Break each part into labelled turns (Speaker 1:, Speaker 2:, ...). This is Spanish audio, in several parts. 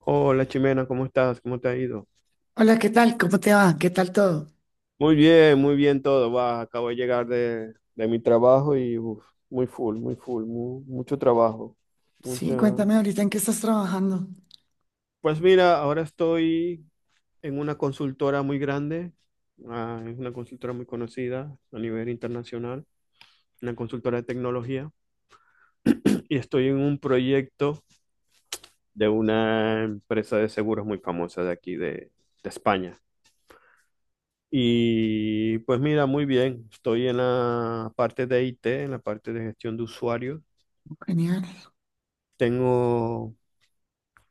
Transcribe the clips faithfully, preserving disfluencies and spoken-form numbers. Speaker 1: Hola Chimena, ¿cómo estás? ¿Cómo te ha ido?
Speaker 2: Hola, ¿qué tal? ¿Cómo te va? ¿Qué tal todo?
Speaker 1: Muy bien, muy bien todo. Va, acabo de llegar de, de mi trabajo y uf, muy full, muy full, mu- mucho trabajo. Mucha.
Speaker 2: Sí, cuéntame ahorita en qué estás trabajando.
Speaker 1: Pues mira, ahora estoy en una consultora muy grande, ah, es una consultora muy conocida a nivel internacional, una consultora de tecnología, y estoy en un proyecto de una empresa de seguros muy famosa de aquí, de, de España. Y pues mira, muy bien, estoy en la parte de I T, en la parte de gestión de usuarios.
Speaker 2: Genial.
Speaker 1: Tengo,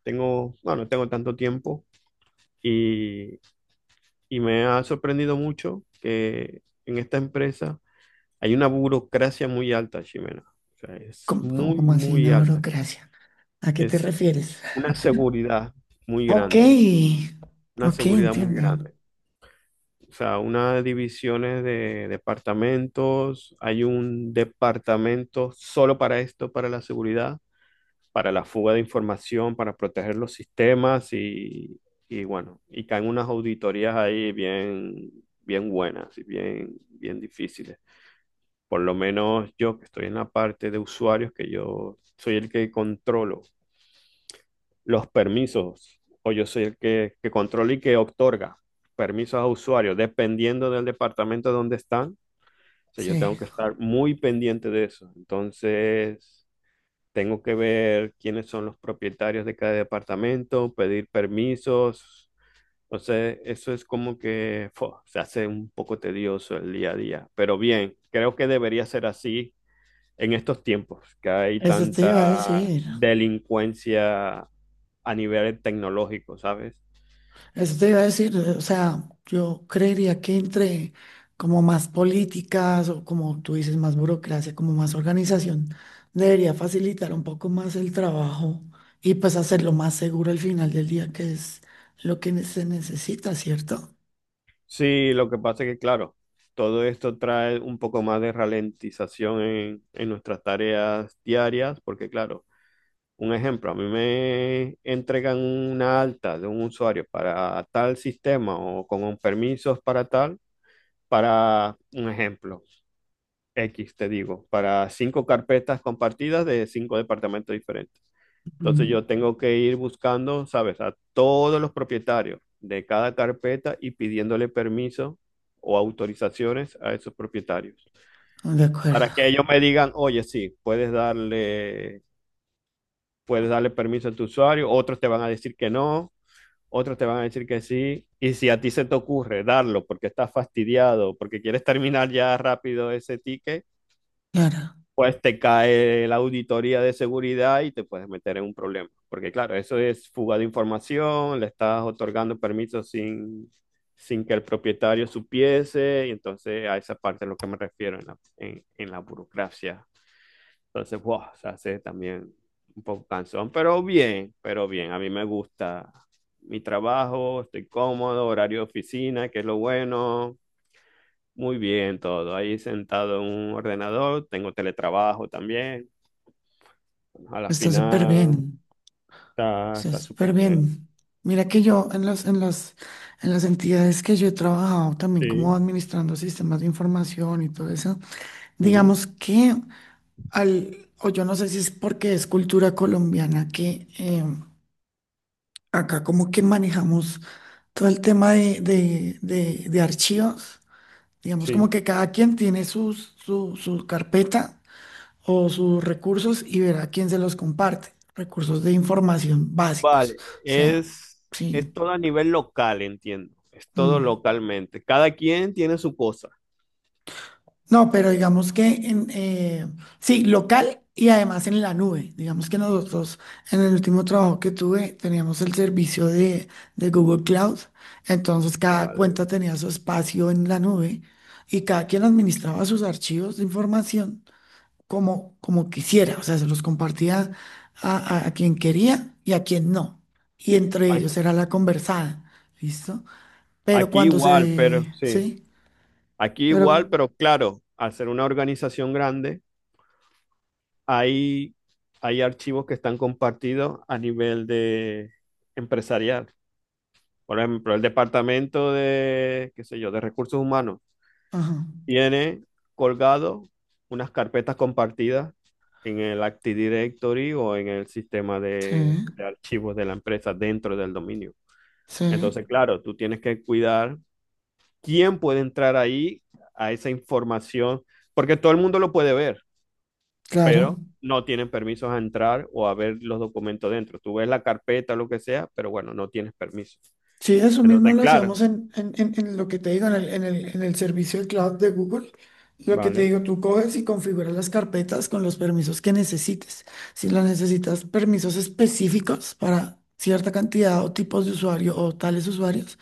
Speaker 1: tengo, bueno, no tengo tanto tiempo y, y me ha sorprendido mucho que en esta empresa hay una burocracia muy alta, Ximena. O sea, es
Speaker 2: ¿Cómo, cómo,
Speaker 1: muy,
Speaker 2: cómo así
Speaker 1: muy
Speaker 2: una
Speaker 1: alta.
Speaker 2: burocracia? ¿A qué te
Speaker 1: Es
Speaker 2: refieres?
Speaker 1: una seguridad muy
Speaker 2: Ok,
Speaker 1: grande, una
Speaker 2: ok,
Speaker 1: seguridad muy
Speaker 2: entiendo.
Speaker 1: grande. O sea, unas divisiones de departamentos, hay un departamento solo para esto, para la seguridad, para la fuga de información, para proteger los sistemas y, y bueno, y caen unas auditorías ahí bien, bien buenas y bien, bien difíciles. Por lo menos yo que estoy en la parte de usuarios, que yo soy el que controlo los permisos o yo soy el que, que controla y que otorga permisos a usuarios, dependiendo del departamento donde están, o sea, yo
Speaker 2: Sí,
Speaker 1: tengo que estar muy pendiente de eso. Entonces, tengo que ver quiénes son los propietarios de cada departamento, pedir permisos. Entonces, eso es como que fo, se hace un poco tedioso el día a día. Pero bien, creo que debería ser así en estos tiempos, que hay
Speaker 2: eso te iba a
Speaker 1: tanta
Speaker 2: decir.
Speaker 1: delincuencia a nivel tecnológico, ¿sabes?
Speaker 2: Eso te iba a decir, o sea, yo creería que entre como más políticas o como tú dices, más burocracia, como más organización, debería facilitar un poco más el trabajo y pues hacerlo más seguro al final del día, que es lo que ne- se necesita, ¿cierto?
Speaker 1: Sí, lo que pasa es que, claro, todo esto trae un poco más de ralentización en, en nuestras tareas diarias, porque, claro, un ejemplo, a mí me entregan una alta de un usuario para tal sistema o con permisos para tal, para un ejemplo. X, te digo, para cinco carpetas compartidas de cinco departamentos diferentes. Entonces yo tengo que ir buscando, ¿sabes?, a todos los propietarios de cada carpeta y pidiéndole permiso o autorizaciones a esos propietarios.
Speaker 2: Ujú. De acuerdo.
Speaker 1: Para que ellos me digan, oye, sí, puedes darle, puedes darle permiso a tu usuario, otros te van a decir que no, otros te van a decir que sí. Y si a ti se te ocurre darlo porque estás fastidiado, porque quieres terminar ya rápido ese ticket,
Speaker 2: Claro,
Speaker 1: pues te cae la auditoría de seguridad y te puedes meter en un problema. Porque claro, eso es fuga de información, le estás otorgando permisos sin, sin que el propietario supiese, y entonces a esa parte es lo que me refiero en la, en, en la burocracia. Entonces, wow, se hace también un poco cansón, pero bien, pero bien, a mí me gusta mi trabajo, estoy cómodo, horario de oficina, que es lo bueno, muy bien, todo. Ahí sentado en un ordenador, tengo teletrabajo también. A la
Speaker 2: está súper bien,
Speaker 1: final está,
Speaker 2: está
Speaker 1: está
Speaker 2: súper
Speaker 1: súper bien.
Speaker 2: bien. Mira que yo en los, en los, en las entidades que yo he trabajado también como
Speaker 1: Sí,
Speaker 2: administrando sistemas de información y todo eso.
Speaker 1: ujú,
Speaker 2: Digamos que al, o yo no sé si es porque es cultura colombiana que eh, acá como que manejamos todo el tema de, de, de- de archivos. Digamos como
Speaker 1: sí.
Speaker 2: que cada quien tiene sus, su, su carpeta o sus recursos y verá quién se los comparte. Recursos de información básicos.
Speaker 1: Vale,
Speaker 2: O sea,
Speaker 1: es, es
Speaker 2: sí.
Speaker 1: todo a nivel local, entiendo. Es todo
Speaker 2: mm.
Speaker 1: localmente. Cada quien tiene su cosa.
Speaker 2: No, pero digamos que en, eh, sí, local y además en la nube. Digamos que nosotros en el último trabajo que tuve teníamos el servicio de, de Google Cloud, entonces cada
Speaker 1: Vale.
Speaker 2: cuenta tenía su espacio en la nube y cada quien administraba sus archivos de información como, como quisiera, o sea, se los compartía a, a a quien quería y a quien no. Y entre
Speaker 1: A-
Speaker 2: ellos era la conversada, ¿listo? Pero
Speaker 1: Aquí
Speaker 2: cuando
Speaker 1: igual, pero
Speaker 2: se,
Speaker 1: sí.
Speaker 2: sí,
Speaker 1: Aquí
Speaker 2: pero,
Speaker 1: igual, pero claro, al ser una organización grande, hay, hay archivos que están compartidos a nivel de empresarial. Por ejemplo, el departamento de, qué sé yo, de recursos humanos
Speaker 2: ajá,
Speaker 1: tiene colgado unas carpetas compartidas en el Active Directory o en el sistema de,
Speaker 2: sí.
Speaker 1: de archivos de la empresa dentro del dominio.
Speaker 2: Sí,
Speaker 1: Entonces, claro, tú tienes que cuidar quién puede entrar ahí a esa información, porque todo el mundo lo puede ver,
Speaker 2: claro.
Speaker 1: pero no tienen permisos a entrar o a ver los documentos dentro. Tú ves la carpeta, lo que sea, pero bueno, no tienes permiso.
Speaker 2: Sí, eso mismo
Speaker 1: Entonces,
Speaker 2: lo
Speaker 1: claro,
Speaker 2: hacíamos en, en, en, en lo que te digo, en el, en el, en el servicio de cloud de Google. Lo que te
Speaker 1: vale.
Speaker 2: digo, tú coges y configuras las carpetas con los permisos que necesites. Si las necesitas permisos específicos para cierta cantidad o tipos de usuario o tales usuarios,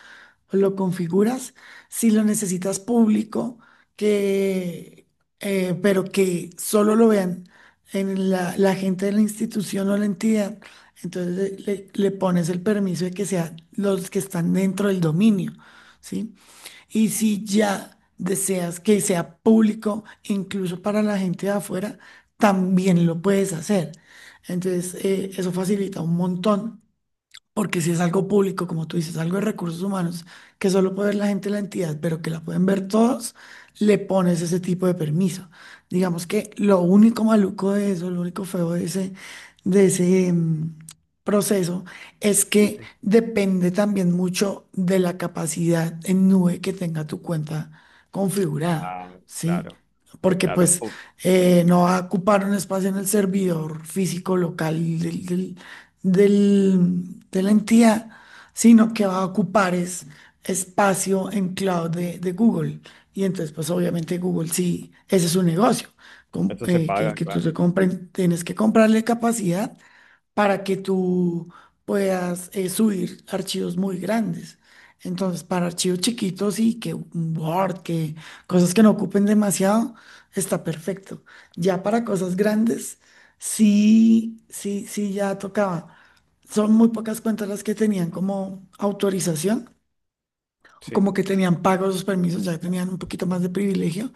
Speaker 2: lo configuras. Si lo necesitas público, que, eh, pero que solo lo vean en la, la gente de la institución o la entidad. Entonces le, le pones el permiso de que sean los que están dentro del dominio, ¿sí? Y si ya deseas que sea público, incluso para la gente de afuera, también lo puedes hacer. Entonces, eh, eso facilita un montón. Porque si es algo público, como tú dices, algo de recursos humanos, que solo puede ver la gente de la entidad, pero que la pueden ver todos, le pones ese tipo de permiso. Digamos que lo único maluco de eso, lo único feo de ese, de ese mm, proceso, es que depende también mucho de la capacidad en nube que tenga tu cuenta configurada,
Speaker 1: Ah,
Speaker 2: ¿sí?
Speaker 1: claro,
Speaker 2: Porque
Speaker 1: claro.
Speaker 2: pues
Speaker 1: Pu-
Speaker 2: eh, no va a ocupar un espacio en el servidor físico local del, del- del- de la entidad, sino que va a ocupar es espacio en cloud de, de Google. Y entonces, pues obviamente Google sí, ese es su negocio, com-
Speaker 1: Eso se
Speaker 2: eh, que,
Speaker 1: paga,
Speaker 2: que tú te
Speaker 1: claro.
Speaker 2: compren, tienes que comprarle capacidad para que tú puedas eh, subir archivos muy grandes. Entonces, para archivos chiquitos y que un Word, que cosas que no ocupen demasiado, está perfecto. Ya para cosas grandes, sí, sí, sí, ya tocaba. Son muy pocas cuentas las que tenían como autorización, o como
Speaker 1: Sí,
Speaker 2: que tenían pagos los permisos, ya tenían un poquito más de privilegio.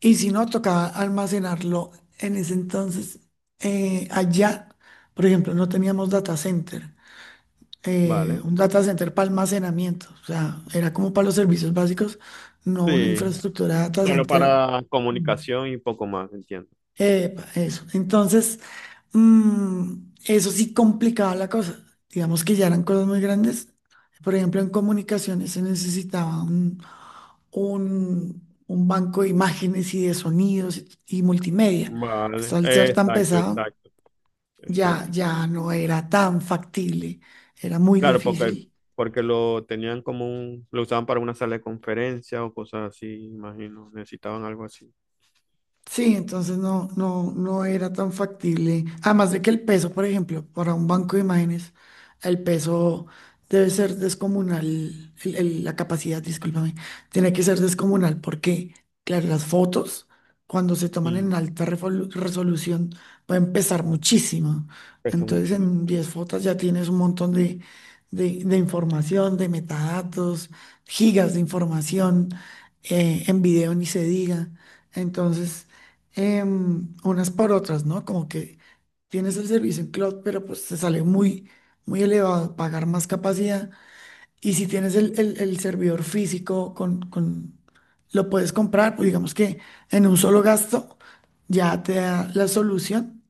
Speaker 2: Y si no, tocaba almacenarlo en ese entonces eh, allá. Por ejemplo, no teníamos data center, eh,
Speaker 1: vale.
Speaker 2: un data center para almacenamiento. O sea, era como para los servicios básicos, no una
Speaker 1: Sí,
Speaker 2: infraestructura data
Speaker 1: solo
Speaker 2: center.
Speaker 1: para comunicación y poco más, entiendo.
Speaker 2: Epa, eso. Entonces, mm, eso sí complicaba la cosa. Digamos que ya eran cosas muy grandes. Por ejemplo, en comunicaciones se necesitaba un, un, un banco de imágenes y de sonidos y, y multimedia. Esto
Speaker 1: Vale,
Speaker 2: al ser tan
Speaker 1: exacto,
Speaker 2: pesado,
Speaker 1: exacto,
Speaker 2: ya,
Speaker 1: exacto.
Speaker 2: ya no era tan factible. Era muy
Speaker 1: Claro, porque,
Speaker 2: difícil.
Speaker 1: porque lo tenían como un, lo usaban para una sala de conferencia o cosas así, imagino, necesitaban algo así.
Speaker 2: Sí, entonces no, no, no era tan factible. Además de que el peso, por ejemplo, para un banco de imágenes, el peso debe ser descomunal, el- el- la capacidad, discúlpame, tiene que ser descomunal porque, claro, las fotos, cuando se toman
Speaker 1: Mm,
Speaker 2: en alta refolu- resolución, pueden pesar
Speaker 1: claro.
Speaker 2: muchísimo.
Speaker 1: Pesa
Speaker 2: Entonces,
Speaker 1: mucho.
Speaker 2: en diez fotos ya tienes un montón de, de, de información, de metadatos, gigas de información, eh, en video ni se diga. Entonces em, unas por otras, ¿no? Como que tienes el servicio en cloud, pero pues te sale muy, muy elevado pagar más capacidad. Y si tienes el, el- el servidor físico con, con, lo puedes comprar, pues digamos que en un solo gasto ya te da la solución,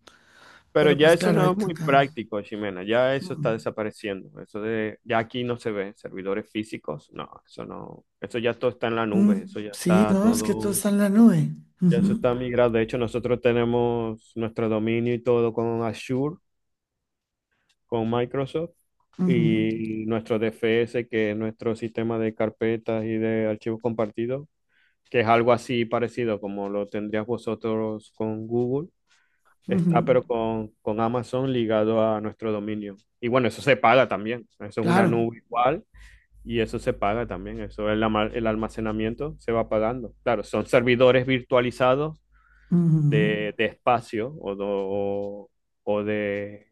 Speaker 1: Pero
Speaker 2: pero
Speaker 1: ya
Speaker 2: pues
Speaker 1: eso
Speaker 2: claro,
Speaker 1: no
Speaker 2: ahí
Speaker 1: es muy
Speaker 2: toca.
Speaker 1: práctico, Ximena. Ya eso está
Speaker 2: Mm,
Speaker 1: desapareciendo. Eso de, ya aquí no se ve servidores físicos. No, eso no. Eso ya todo está en la
Speaker 2: mm,
Speaker 1: nube. Eso ya
Speaker 2: sí,
Speaker 1: está
Speaker 2: no, es que todo
Speaker 1: todo.
Speaker 2: está en la nube.
Speaker 1: Ya eso
Speaker 2: Ujú,
Speaker 1: está migrado. De hecho, nosotros tenemos nuestro dominio y todo con Azure, con Microsoft
Speaker 2: ujú,
Speaker 1: y nuestro D F S, que es nuestro sistema de carpetas y de archivos compartidos, que es algo así parecido como lo tendrías vosotros con Google. Está,
Speaker 2: ujú,
Speaker 1: pero con, con Amazon ligado a nuestro dominio. Y bueno, eso se paga también. Eso es una
Speaker 2: claro,
Speaker 1: nube igual y eso se paga también. Eso el, ama- el almacenamiento se va pagando. Claro, son servidores virtualizados
Speaker 2: ujú,
Speaker 1: de, de espacio o, do- o de.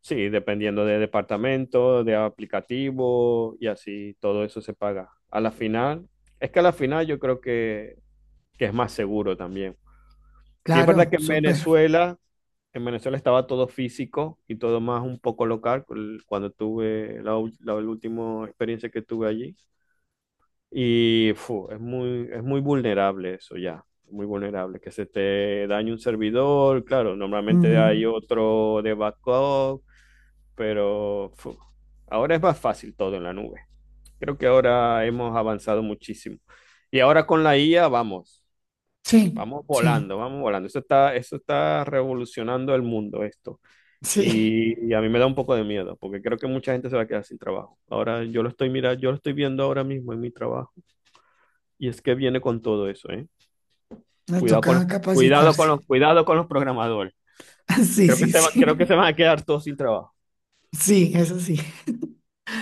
Speaker 1: Sí, dependiendo de departamento, de aplicativo y así, todo eso se paga. A la final, es que a la final yo creo que, que es más seguro también. Sí, es verdad
Speaker 2: claro,
Speaker 1: que en
Speaker 2: súper.
Speaker 1: Venezuela, en Venezuela estaba todo físico y todo más un poco local cu- cuando tuve la, ul- la última experiencia que tuve allí. Y fu, es muy, es muy vulnerable eso ya, muy vulnerable. Que se te dañe un servidor, claro, normalmente hay
Speaker 2: Mm,
Speaker 1: otro de backup, pero fu, ahora es más fácil todo en la nube. Creo que ahora hemos avanzado muchísimo. Y ahora con la I A, vamos.
Speaker 2: sí,
Speaker 1: Vamos
Speaker 2: sí.
Speaker 1: volando, vamos volando. Eso está, eso está revolucionando el mundo, esto.
Speaker 2: Sí,
Speaker 1: Y, y a mí me da un poco de miedo, porque creo que mucha gente se va a quedar sin trabajo. Ahora yo lo estoy mirando, yo lo estoy viendo ahora mismo en mi trabajo. Y es que viene con todo eso, ¿eh?
Speaker 2: me
Speaker 1: Cuidado con los,
Speaker 2: toca
Speaker 1: cuidado
Speaker 2: capacitarse.
Speaker 1: con los, cuidado con los programadores.
Speaker 2: Sí,
Speaker 1: Creo que
Speaker 2: sí,
Speaker 1: se va- creo que
Speaker 2: sí.
Speaker 1: se van a quedar todos sin trabajo.
Speaker 2: Sí, eso sí.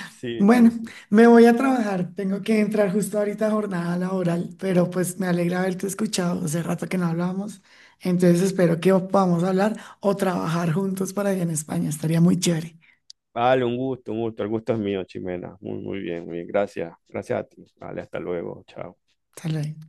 Speaker 1: Sí,
Speaker 2: Bueno,
Speaker 1: sí, sí.
Speaker 2: me voy a trabajar. Tengo que entrar justo ahorita a jornada laboral, pero pues me alegra haberte escuchado. Hace rato que no hablábamos. Entonces espero que podamos hablar o trabajar juntos para allá en España. Estaría muy chévere.
Speaker 1: Vale, un gusto, un gusto. El gusto es mío, Chimena. Muy, muy bien, muy bien. Gracias. Gracias a ti. Vale, hasta luego. Chao.
Speaker 2: Hasta luego.